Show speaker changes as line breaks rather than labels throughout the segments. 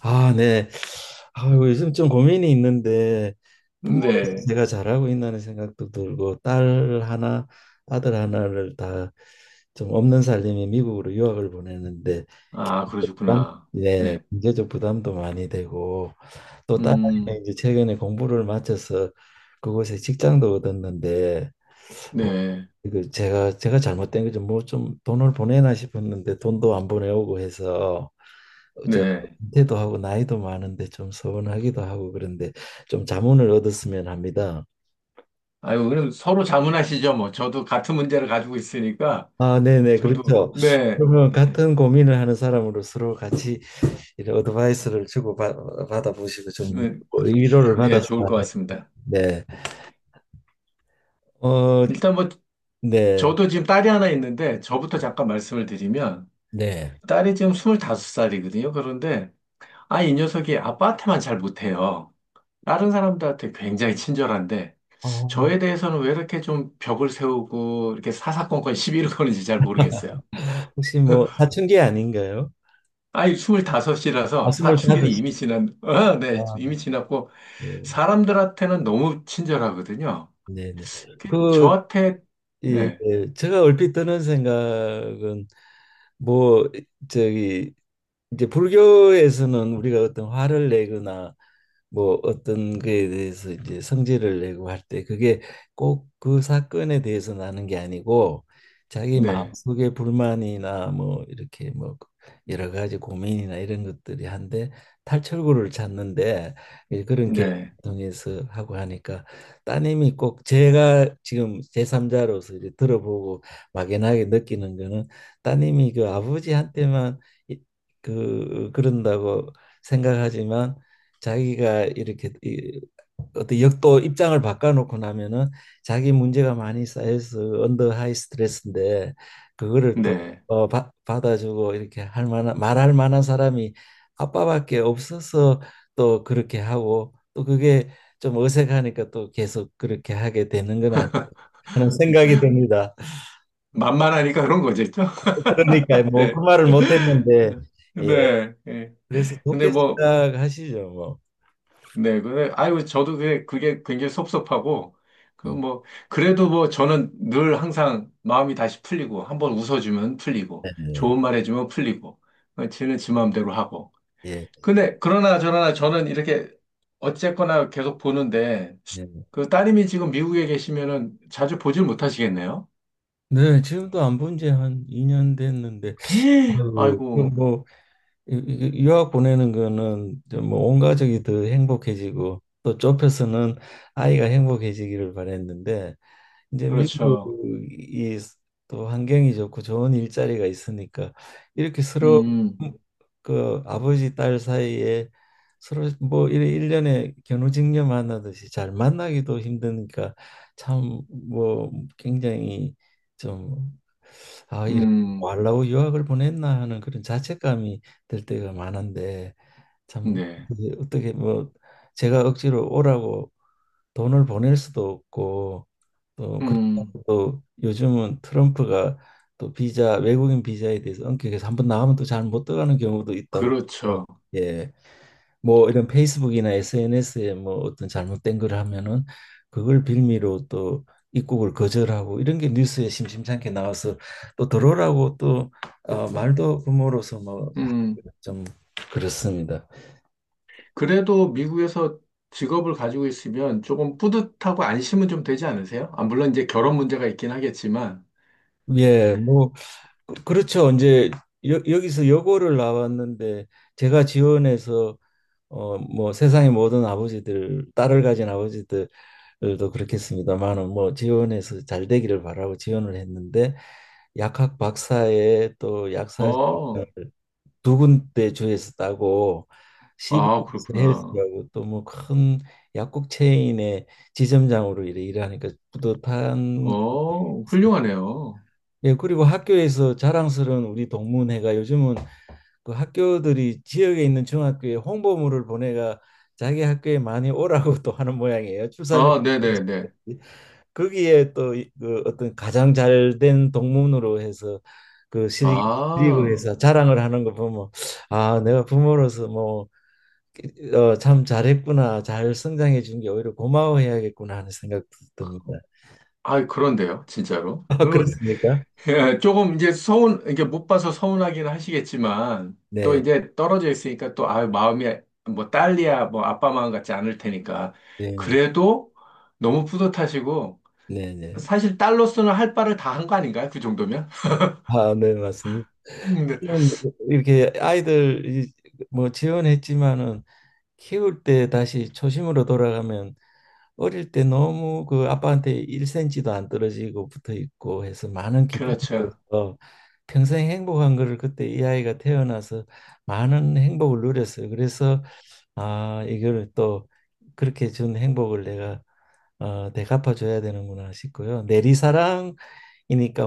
아, 네. 아이고, 요즘 좀 고민이 있는데 부모로서
네.
제가 잘하고 있다는 생각도 들고 딸 하나, 아들 하나를 다 좀 없는 살림에 미국으로 유학을 보내는데
아,
부담,
그러셨구나.
예,
네.
경제적 부담도 많이 되고 또
음,
딸아이는 이제 최근에 공부를 마쳐서 그곳에 직장도 얻었는데 뭐
네.
이거 제가 잘못된 거죠. 뭐 좀 돈을 보내나 싶었는데 돈도 안 보내오고 해서 제가
네.
은퇴도 하고 나이도 많은데 좀 서운하기도 하고 그런데 좀 자문을 얻었으면 합니다.
아유, 그럼 서로 자문하시죠. 뭐, 저도 같은 문제를 가지고 있으니까,
아, 네네,
저도,
그렇죠.
네.
그러면 같은 고민을 하는 사람으로 서로 같이 이런 어드바이스를 받아보시고 좀
네, 그,
위로를
네, 좋을
받았어요.
것 같습니다.
네, 어,
일단 뭐,
네,
저도 지금 딸이 하나 있는데, 저부터 잠깐 말씀을 드리면,
네.
딸이 지금 25살이거든요. 그런데, 아, 이 녀석이 아빠한테만 잘 못해요. 다른 사람들한테 굉장히 친절한데,
어,
저에 대해서는 왜 이렇게 좀 벽을 세우고, 이렇게 사사건건 시비를 거는지 잘 모르겠어요.
혹시 뭐 사춘기 아닌가요?
아이, 25이라서
아,
사춘기는
스물다섯.
이미 지난, 어, 네,
아,
이미 지났고, 사람들한테는 너무 친절하거든요.
네, 네. 그
저한테,
예,
네,
예. 제가 얼핏 드는 생각은 뭐 저기 이제 불교에서는 우리가 어떤 화를 내거나 뭐 어떤 거에 대해서 이제 성질을 내고 할 때 그게 꼭 그 사건에 대해서 나는 게 아니고 자기
네,
마음속에 불만이나 뭐 이렇게 뭐 여러 가지 고민이나 이런 것들이 한데 탈출구를 찾는데 예, 그런 계획을
네,
통해서 하고 하니까 따님이 꼭 제가 지금 제3자로서 이제 들어보고 막연하게 느끼는 거는 따님이 그 아버지한테만 이- 그 그런다고 생각하지만 자기가 이렇게 어떤 역도 입장을 바꿔놓고 나면은 자기 문제가 많이 쌓여서 언더 하이 스트레스인데 그거를 또
네.
받아주고 이렇게 할 만한 말할 만한 사람이 아빠밖에 없어서 또 그렇게 하고 또 그게 좀 어색하니까 또 계속 그렇게 하게 되는 건 아닌가 하는 생각이 듭니다.
만만하니까 그런 거겠죠?
그러니까 뭐
네.
그 말을 못 했는데 예,
네. 예.
그래서
근데
좋게
뭐,
생각하시죠, 뭐.
네. 근데, 아이고, 저도 그게, 그게 굉장히 섭섭하고, 그
음.
뭐, 그래도 뭐, 저는 늘 항상 마음이 다시 풀리고, 한번 웃어주면
네,
풀리고,
네,
좋은 말 해주면 풀리고, 어, 지는 지 마음대로 하고,
예.
근데 그러나 저러나 저는 이렇게 어쨌거나 계속 보는데
예.
그 따님이 지금 미국에 계시면은 자주 보질 못하시겠네요?
네, 지금도 안 본 지 한 2년 됐는데
헤,
아이고, 이거
아이고,
뭐 유학 보내는 거는 이제 뭐온 가족이 더 행복해지고 또 좁혀서는 아이가 행복해지기를 바랬는데 이제
그렇죠.
미국이 또 환경이 좋고 좋은 일자리가 있으니까 이렇게 서로
음,
음, 그 아버지 딸 사이에 서로 뭐 이래 일년에 견우직녀 만나듯이 잘 만나기도 힘드니까 참 뭐 굉장히 좀 아, 이런
음,
왈라우 유학을 보냈나 하는 그런 자책감이 들 때가 많은데 참
네,
이게 어떻게 뭐 제가 억지로 오라고 돈을 보낼 수도 없고 또
음,
그렇다고 또 요즘은 트럼프가 또 비자 외국인 비자에 대해서 엄격해서 한번 나가면 또 잘 못 들어가는 경우도 있다고
그렇죠.
예 뭐 이런 페이스북이나 SNS에 뭐 어떤 잘못된 걸 하면은 그걸 빌미로 또 입국을 거절하고 이런 게 뉴스에 심심찮게 나와서 또 들어오라고 또 말도 부모로서 뭐
음,
좀 그렇습니다.
그래도 미국에서 직업을 가지고 있으면 조금 뿌듯하고 안심은 좀 되지 않으세요? 아, 물론 이제 결혼 문제가 있긴 하겠지만,
예, 뭐 그렇죠. 이제 여기서 여고를 나왔는데 제가 지원해서 어 뭐 세상의 모든 아버지들 딸을 가진 아버지들도 그렇겠습니다만은 뭐 지원해서 잘 되기를 바라고 지원을 했는데 약학 박사의 또 약사직을
어,
두 군데 주에서 따고
아,
CBS
그렇구나.
헬스라고 또 뭐 큰 약국 체인의 지점장으로 이래 일하니까 뿌듯한
어, 훌륭하네요.
예, 그리고 학교에서 자랑스러운 우리 동문회가 요즘은 그 학교들이 지역에 있는 중학교에 홍보물을 보내가 자기 학교에 많이 오라고 또 하는 모양이에요. 출산율
아, 네네네.
거기에 또 그 어떤 가장 잘된 동문으로 해서 그 시리-
아.
시리그에서 자랑을 하는 거 보면 아 내가 부모로서 뭐 어, 참 잘했구나, 잘 성장해 준 게 오히려 고마워해야겠구나 하는 생각도 듭니다.
아, 그런데요, 진짜로.
아,
그리고
그렇습니까?
조금 이제 서운, 이게 못 봐서 서운하긴 하시겠지만, 또
네,
이제 떨어져 있으니까 또, 아, 마음이 뭐 딸이야, 뭐 아빠 마음 같지 않을 테니까.
네,
그래도 너무 뿌듯하시고,
네, 네.
사실 딸로서는 할 바를 다 한 거 아닌가요? 그 정도면?
아, 네, 맞습니다.
네.
지금 이렇게 아이들 뭐 지원했지만은 키울 때 다시 초심으로 돌아가면 어릴 때 너무 그 아빠한테 1cm도 안 떨어지고 붙어 있고 해서 많은 기쁨을
그렇죠.
얻어서 평생 행복한 거를 그때 이 아이가 태어나서 많은 행복을 누렸어요. 그래서 아, 이걸 또 그렇게 준 행복을 내가 어, 되갚아 줘야 되는구나 싶고요. 내리사랑이니까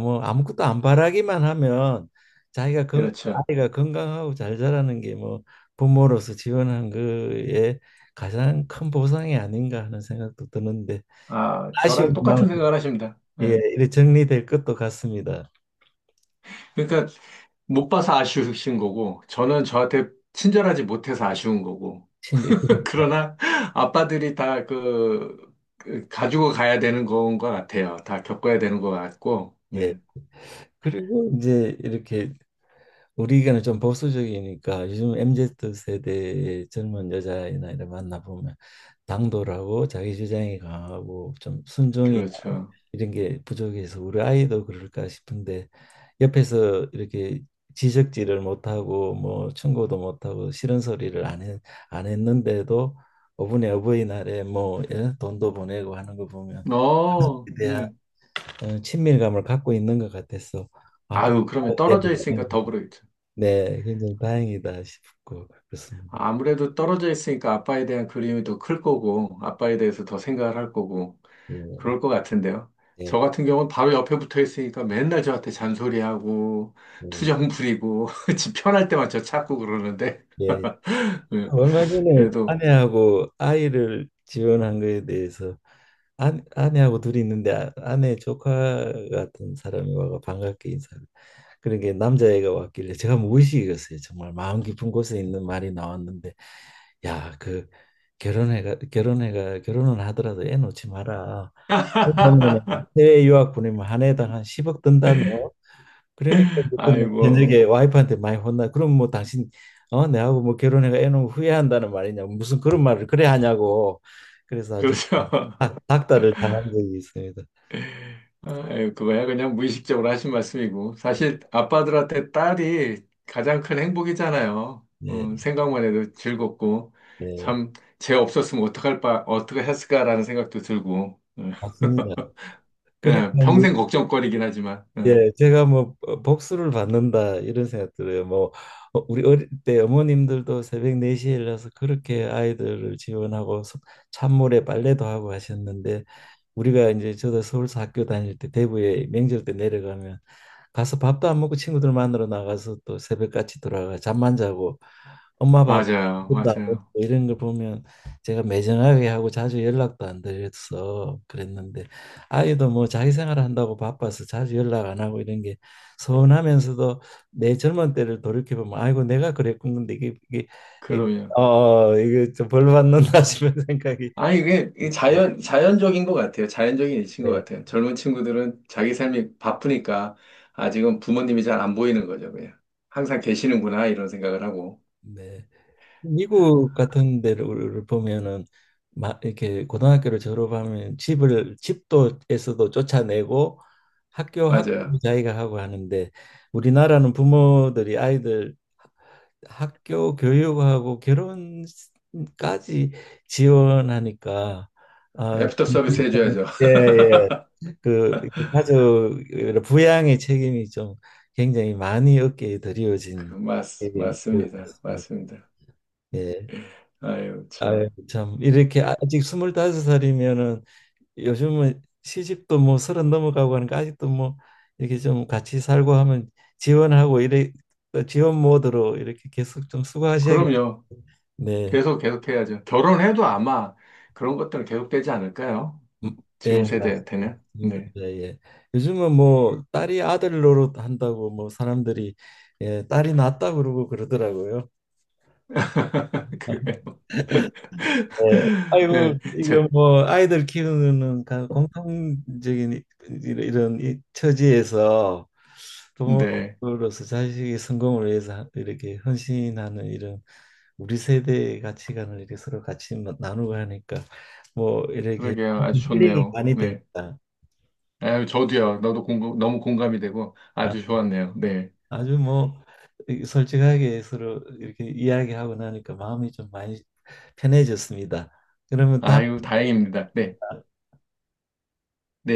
뭐 아무것도 안 바라기만 하면 자기가 건
그렇죠.
아이가 건강하고 잘 자라는 게 뭐 부모로서 지원한 거에 가장 큰 보상이 아닌가 하는 생각도 드는데
아, 저랑
아쉬운 마음
똑같은 생각을 하십니다.
예
예.
이렇게 정리될 것도 같습니다.
그러니까 못 봐서 아쉬우신 거고, 저는 저한테 친절하지 못해서 아쉬운 거고,
예.
그러나 아빠들이 다 그, 그 가지고 가야 되는 건 것 같아요. 다 겪어야 되는 것 같고,
예.
네,
그리고 이제 이렇게 우리가 좀 보수적이니까 요즘 MZ 세대의 젊은 여자이나 이런 만나 보면 당돌하고 자기 주장이 강하고 좀 순종이나
그렇죠.
이런 게 부족해서 우리 아이도 그럴까 싶은데 옆에서 이렇게 지적질을 못하고 뭐 충고도 못하고 싫은 소리를 안 했는데도 어분의 어버이날에 뭐 예? 돈도 보내고 하는 거 보면
어,
대한
네.
어, 친밀감을 갖고 있는 것 같아서 아, 그,
아유, 그러면
예,
떨어져 있으니까 더 그러겠죠.
네, 굉장히 다행이다 싶고 그렇습니다.
아무래도 떨어져 있으니까 아빠에 대한 그림이 더 클 거고, 아빠에 대해서 더 생각을 할 거고,
음,
그럴 것 같은데요.
예,
저 같은 경우는 바로 옆에 붙어 있으니까 맨날 저한테 잔소리하고,
음,
투정 부리고, 집 편할 때만 저 찾고 그러는데,
예,
네,
얼마 전에
그래도.
아내하고 아이를 지원한 거에 대해서 아, 아내하고 둘이 있는데 아내 조카 같은 사람이 와가 반갑게 인사를 그런 게 남자애가 왔길래 제가 무의식이었어요. 정말 마음 깊은 곳에 있는 말이 나왔는데 야, 그 결혼해가 결혼은 하더라도 애 놓지 마라. 보면 해외 유학 보내면 한 해당 한 10억 든다 너. 그러니까 그날
아이고,
저녁에 와이프한테 많이 혼나. 그럼 뭐 당신 어 내하고 뭐 결혼해가 애 놓으면 후회한다는 말이냐. 무슨 그런 말을 그래 하냐고. 그래서 아주
그렇죠.
닭다를 당한 적이 있습니다.
아유, 그거야 그냥 무의식적으로 하신 말씀이고. 사실 아빠들한테 딸이 가장 큰 행복이잖아요. 어,
예,
생각만 해도 즐겁고.
네,
참, 쟤 없었으면 어떡할 바, 어떻게 했을까라는 생각도 들고. 어,
맞습니다.
예,
그러니까
예,
이제,
평생 걱정거리긴 하지만. 예,
예, 제가 뭐 복수를 받는다 이런 생각 들어요. 뭐 어, 우리 어릴 때 어머님들도 새벽 4시에 일어나서 그렇게 아이들을 지원하고 찬물에 빨래도 하고 하셨는데 우리가 이제 저도 서울서 학교 다닐 때 대구에 명절 때 내려가면 가서 밥도 안 먹고 친구들 만나러 나가서 또 새벽같이 돌아가 잠만 자고 엄마 밥
맞아요,
밥도 안 먹고
맞아요.
이런 걸 보면 제가 매정하게 하고 자주 연락도 안 드려서 그랬는데 아이도 뭐 자기 생활 한다고 바빠서 자주 연락 안 하고 이런 게 서운하면서도 내 젊은 때를 돌이켜보면 아이고 내가 그랬군데 이게
그럼요.
어 이게 좀 벌 받는다 싶은 생각이
아, 이게 이게 자연, 자연적인 것 같아요. 자연적인 이치인 것
네
같아요. 젊은 친구들은 자기 삶이 바쁘니까 아직은 부모님이 잘 안 보이는 거죠, 그냥. 항상 계시는구나, 이런 생각을 하고.
네. 미국 같은 데를 보면은 막 이렇게 고등학교를 졸업하면 집을 집도에서도 쫓아내고 학교 학부
맞아요.
자기가 하고 하는데 우리나라는 부모들이 아이들 학교 교육하고 결혼까지 지원하니까 아,
애프터 서비스 해줘야죠.
예, 예. 그 가족 부양의 책임이 좀 굉장히 많이 어깨에
그,
드리워진
맞,
예, 그
맞습니다.
같습니다.
맞습니다.
예.
아유,
아유,
참.
참 이렇게 아직 스물다섯 살이면은 요즘은 시집도 뭐 서른 넘어가고 하니까 아직도 뭐 이렇게 좀 같이 살고 하면 지원하고 이래 또 지원 모드로 이렇게 계속 좀 수고하셔야겠.
그럼요.
네,
계속, 계속 해야죠. 결혼해도 아마 그런 것들은 계속되지 않을까요?
음, 예,
지금
맞습니다.
세대한테는. 네.
예, 예. 요즘은 뭐 딸이 아들 노릇 한다고 뭐 사람들이 예, 딸이 낳았다 그러고 그러더라고요.
그래요.
예.
네.
아이고 이거
제,
뭐 아이들 키우는 공통적인 이런 이런 처지에서
네.
부모로서 자식의 성공을 위해서 이렇게 헌신하는 이런 우리 세대의 가치관을 이렇게 서로 같이 나누고 하니까 뭐 이렇게
그러게요. 아주
힐링이
좋네요.
많이
네.
됩니다.
아유, 저도요. 너도 공감, 너무 공감이 되고
아,
아주 좋았네요. 네.
아주 뭐 솔직하게 서로 이렇게 이야기하고 나니까 마음이 좀 많이 편해졌습니다. 그러면 다음
아유, 다행입니다. 네. 네.